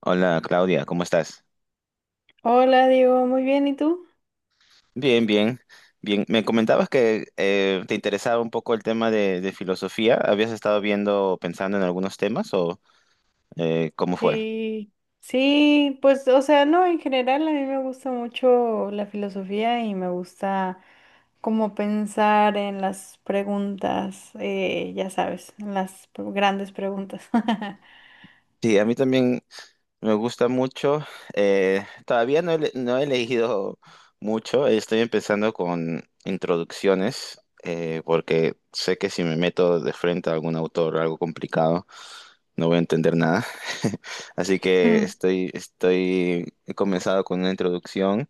Hola Claudia, ¿cómo estás? Hola, Diego, muy bien, ¿y tú? Bien, bien, bien. Me comentabas que te interesaba un poco el tema de filosofía. ¿Habías estado viendo, pensando en algunos temas o cómo fue? Sí, sí, pues, o sea, no, en general a mí me gusta mucho la filosofía y me gusta como pensar en las preguntas, ya sabes, en las grandes preguntas. Sí, a mí también me gusta mucho. Todavía no he, le- No he leído mucho. Estoy empezando con introducciones porque sé que si me meto de frente a algún autor o algo complicado, no voy a entender nada. Así que Mm. He comenzado con una introducción.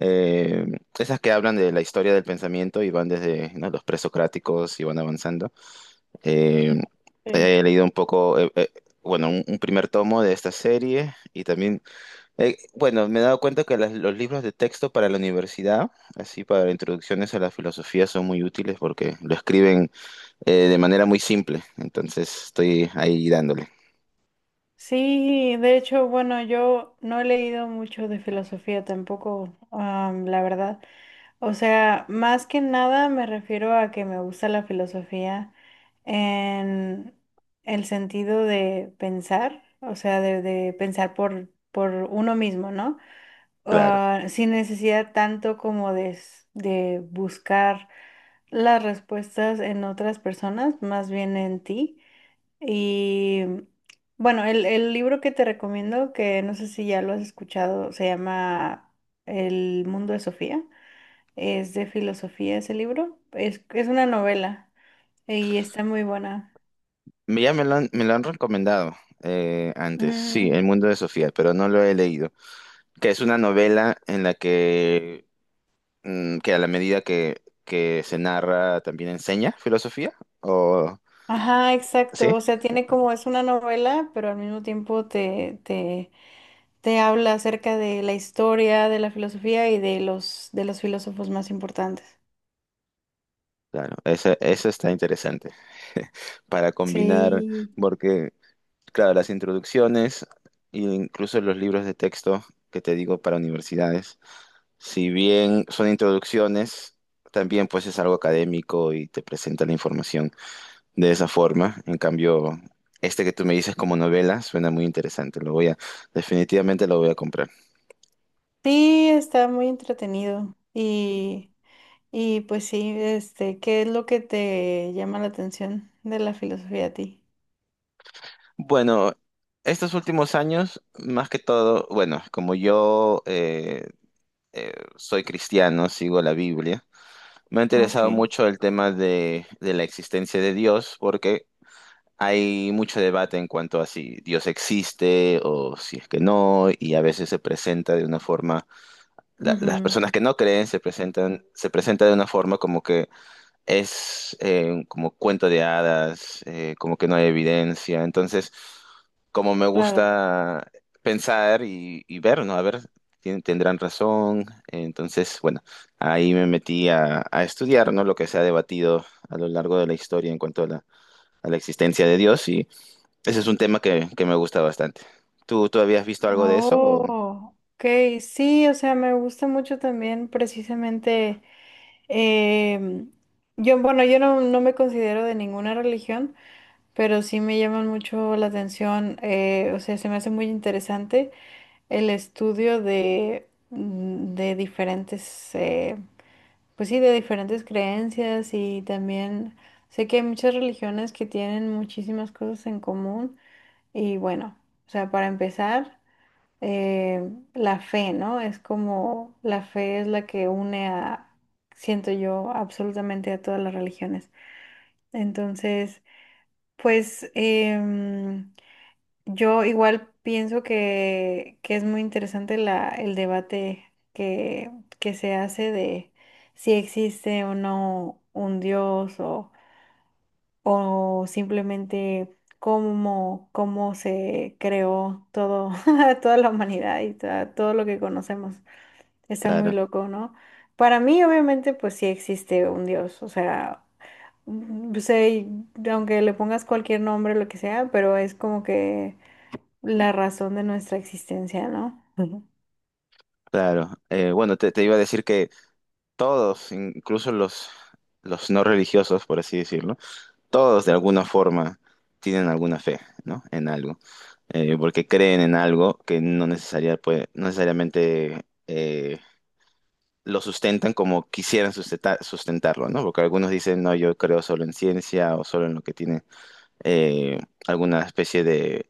eh, Esas que hablan de la historia del pensamiento y van desde, ¿no?, los presocráticos y van avanzando. Eh, Sí. he leído un poco, bueno, un primer tomo de esta serie y también, bueno, me he dado cuenta que los libros de texto para la universidad, así para introducciones a la filosofía, son muy útiles porque lo escriben de manera muy simple. Entonces estoy ahí dándole, Sí, de hecho, bueno, yo no he leído mucho de filosofía tampoco, ah, la verdad. O sea, más que nada me refiero a que me gusta la filosofía en el sentido de pensar, o sea, de pensar por uno mismo, ¿no? claro. Ah, sin necesidad tanto como de, de buscar las respuestas en otras personas, más bien en ti. Y bueno, el libro que te recomiendo, que no sé si ya lo has escuchado, se llama El mundo de Sofía. Es de filosofía ese libro. Es una novela y está muy buena. Ya me lo han recomendado antes, sí, Mm. El mundo de Sofía, pero no lo he leído. ¿Que es una novela en la que que a la medida que se narra también enseña filosofía, o Ajá, sí? exacto. O sea, tiene Ok. como es una novela, pero al mismo tiempo te habla acerca de la historia, de la filosofía y de los filósofos más importantes. Claro, eso está interesante para combinar, Sí, porque, claro, las introducciones e incluso los libros de texto que te digo para universidades, si bien son introducciones, también pues es algo académico y te presenta la información, de esa forma. En cambio, este que tú me dices como novela suena muy interesante. Definitivamente lo voy a comprar. sí, está muy entretenido. Y pues sí, este, ¿qué es lo que te llama la atención de la filosofía a ti? Bueno, estos últimos años, más que todo, bueno, como yo soy cristiano, sigo la Biblia, me ha Ok. interesado mucho el tema de la existencia de Dios porque... Hay mucho debate en cuanto a si Dios existe o si es que no, y a veces se presenta de una forma las Ujú. personas que no creen se presentan, se presenta de una forma como que es como cuento de hadas, como que no hay evidencia. Entonces, como me Claro. gusta pensar y ver, ¿no? A ver, tendrán razón. Entonces, bueno, ahí me metí a estudiar, ¿no?, lo que se ha debatido a lo largo de la historia en cuanto a a la existencia de Dios y ese es un tema que me gusta bastante. Tú habías visto algo Ah, de eso, o? oh, ok, sí, o sea, me gusta mucho también precisamente, em, yo, bueno, yo no, no me considero de ninguna religión, pero sí me llaman mucho la atención, o sea, se me hace muy interesante el estudio de, de diferentes, pues sí, de diferentes creencias y también sé que hay muchas religiones que tienen muchísimas cosas en común y bueno, o sea, para empezar la fe, ¿no? Es como la fe es la que une a, siento yo, absolutamente a todas las religiones. Entonces, pues yo igual pienso que es muy interesante la, el debate que, que se hace de si existe o no un Dios o simplemente... Cómo, cómo se creó todo, toda la humanidad y todo lo que conocemos. Está muy Claro, loco, ¿no? Para mí, obviamente, pues sí existe un Dios, o sea, sé, aunque le pongas cualquier nombre, lo que sea, pero es como que la razón de nuestra existencia, ¿no? Ujú. claro. Bueno, te iba a decir que todos, incluso los no religiosos, por así decirlo, todos de alguna forma tienen alguna fe, ¿no? En algo. Porque creen en algo que no necesariamente lo sustentan como quisieran sustentarlo, ¿no? Porque algunos dicen, no, yo creo solo en ciencia o solo en lo que tiene eh, alguna especie de,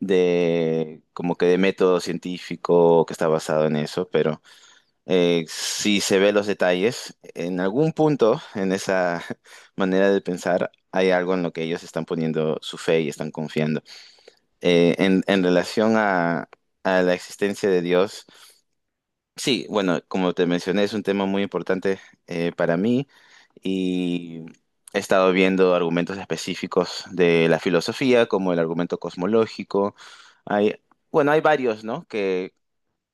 de, como que de método científico que está basado en eso, pero... si se ve los detalles, en algún punto en esa manera de pensar hay algo en lo que ellos están poniendo su fe y están confiando. En relación a la existencia de Dios, sí, bueno, como te mencioné, es un tema muy importante para mí y he estado viendo argumentos específicos de la filosofía, como el argumento cosmológico. Hay, bueno, hay varios, ¿no?,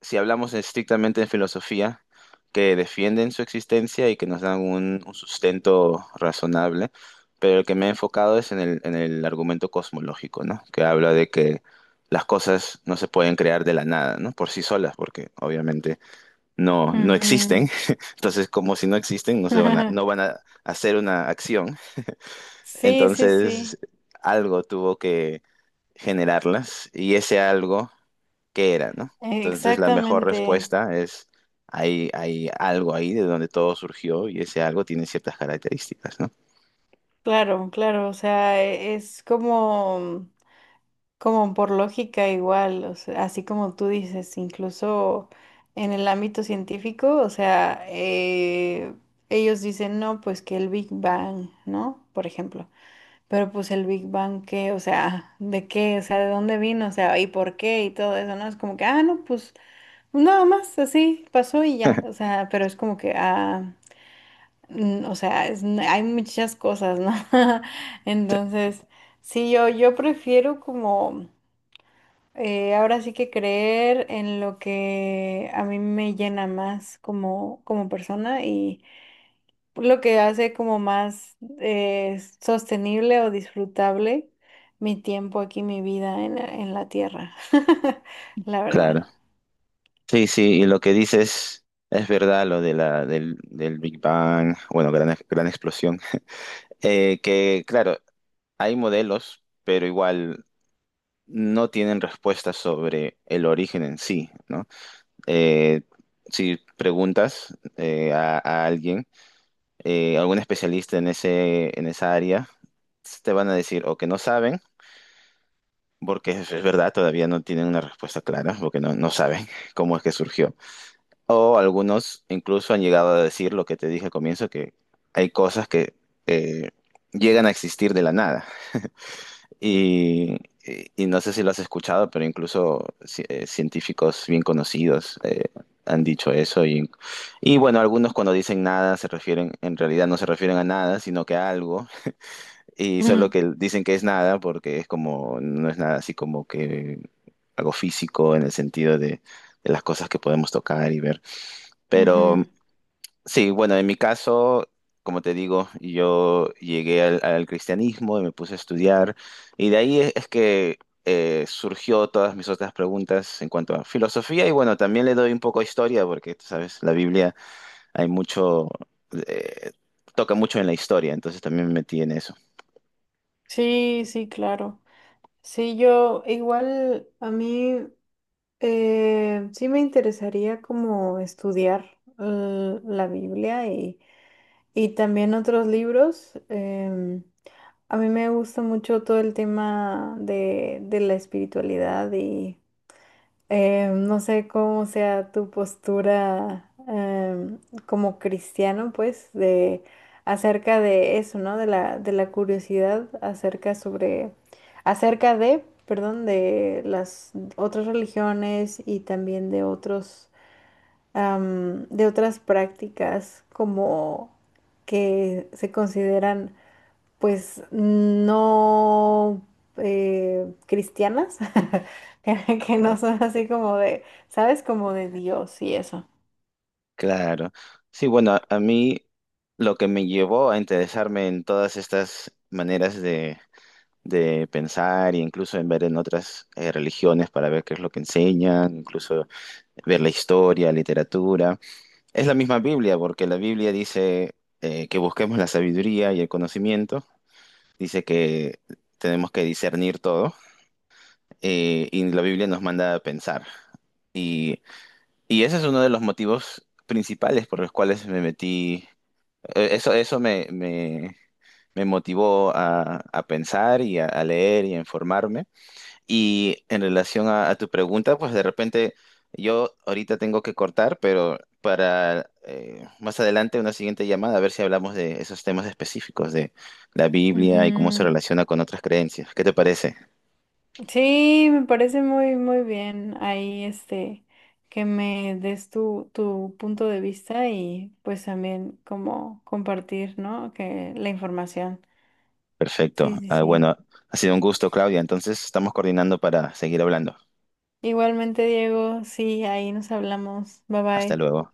si hablamos estrictamente de filosofía, que defienden su existencia y que nos dan un sustento razonable, pero el que me he enfocado es en en el argumento cosmológico, ¿no? Que habla de que las cosas no se pueden crear de la nada, ¿no? Por sí solas, porque obviamente no Ujú. existen. Entonces, como si no existen, no van a hacer una acción. Sí, sí, Entonces, sí, algo tuvo que generarlas y ese algo qué era, ¿no? Entonces la mejor exactamente. respuesta es, hay algo ahí de donde todo surgió y ese algo tiene ciertas características, ¿no? Claro, claro, o sea, es como... Como por lógica igual, o sea, así como tú dices, incluso en el ámbito científico, o sea, ellos dicen, no, pues que el Big Bang, ¿no? Por ejemplo, pero pues el Big Bang, ¿qué? O sea, ¿de qué? O sea, ¿de dónde vino? O sea, ¿y por qué? Y todo eso, ¿no? Es como que, ah, no, pues nada más, así pasó y ya, o sea, pero es como que, ah, o sea, hay muchas cosas, ¿no? Entonces... Sí, yo prefiero como ahora sí que creer en lo que a mí me llena más como, como persona y lo que hace como más sostenible o disfrutable mi tiempo aquí, mi vida en, en la tierra, la verdad. Claro. Sí, sí, y lo que dices es verdad, lo de del Big Bang, bueno, gran explosión. Que claro, hay modelos, pero igual no tienen respuestas sobre el origen en sí, ¿no? Eh, si preguntas a alguien, algún especialista en en esa área, te van a decir o que no saben, porque es verdad, todavía no tienen una respuesta clara, porque no saben cómo es que surgió. O algunos incluso han llegado a decir lo que te dije al comienzo, que hay cosas que eh, llegan a existir de la nada. Y, y no sé si lo has escuchado, pero incluso científicos bien conocidos han dicho eso. Y bueno, algunos cuando dicen nada se refieren, en realidad no se refieren a nada, sino que a algo. Y solo Mm, que dicen que es nada porque es como, no es nada así como que algo físico en el sentido de las cosas que podemos tocar y ver. Pero ujú. sí, bueno, en mi caso, como te digo, yo llegué al, al cristianismo y me puse a estudiar. Y de ahí es que surgió todas mis otras preguntas en cuanto a filosofía. Y bueno, también le doy un poco de historia porque, tú sabes, la Biblia hay mucho, eh, toca mucho en la historia, entonces también me metí en eso. Sí, sí, claro. Sí, yo igual a mí sí me interesaría como estudiar la Biblia. Y también otros libros. A mí me gusta mucho todo el tema de la espiritualidad y no sé cómo sea tu postura como cristiano, pues, de acerca de eso, ¿no? De la curiosidad acerca sobre, acerca de, perdón, de las otras religiones y también de otros de otras prácticas como que se consideran pues no cristianas, que no son así como de, ¿sabes? Como de Dios y eso. Claro. Sí, bueno, a mí lo que me llevó a interesarme en todas estas maneras de pensar e incluso en ver en otras religiones para ver qué es lo que enseñan, incluso ver la historia, literatura, es la misma Biblia, porque la Biblia dice que busquemos la sabiduría y el conocimiento, dice que tenemos que discernir todo, y la Biblia nos manda a pensar. Y, y ese es uno de los motivos principales por los cuales me metí. Eso me motivó a pensar y a leer y a informarme. Y en relación a tu pregunta, pues de repente yo ahorita tengo que cortar, pero para más adelante una siguiente llamada, a ver si hablamos de esos temas específicos de la Biblia y cómo se Ujú. relaciona con otras creencias. ¿Qué te parece? Sí, me parece muy, muy bien ahí este que me des tu, tu punto de vista y pues también como compartir, ¿no? Que la información. Perfecto. Sí, sí, Ah, sí. bueno, ha sido un gusto, Claudia. Entonces estamos coordinando para seguir hablando. Igualmente, Diego, sí, ahí nos hablamos. Bye Hasta bye. luego.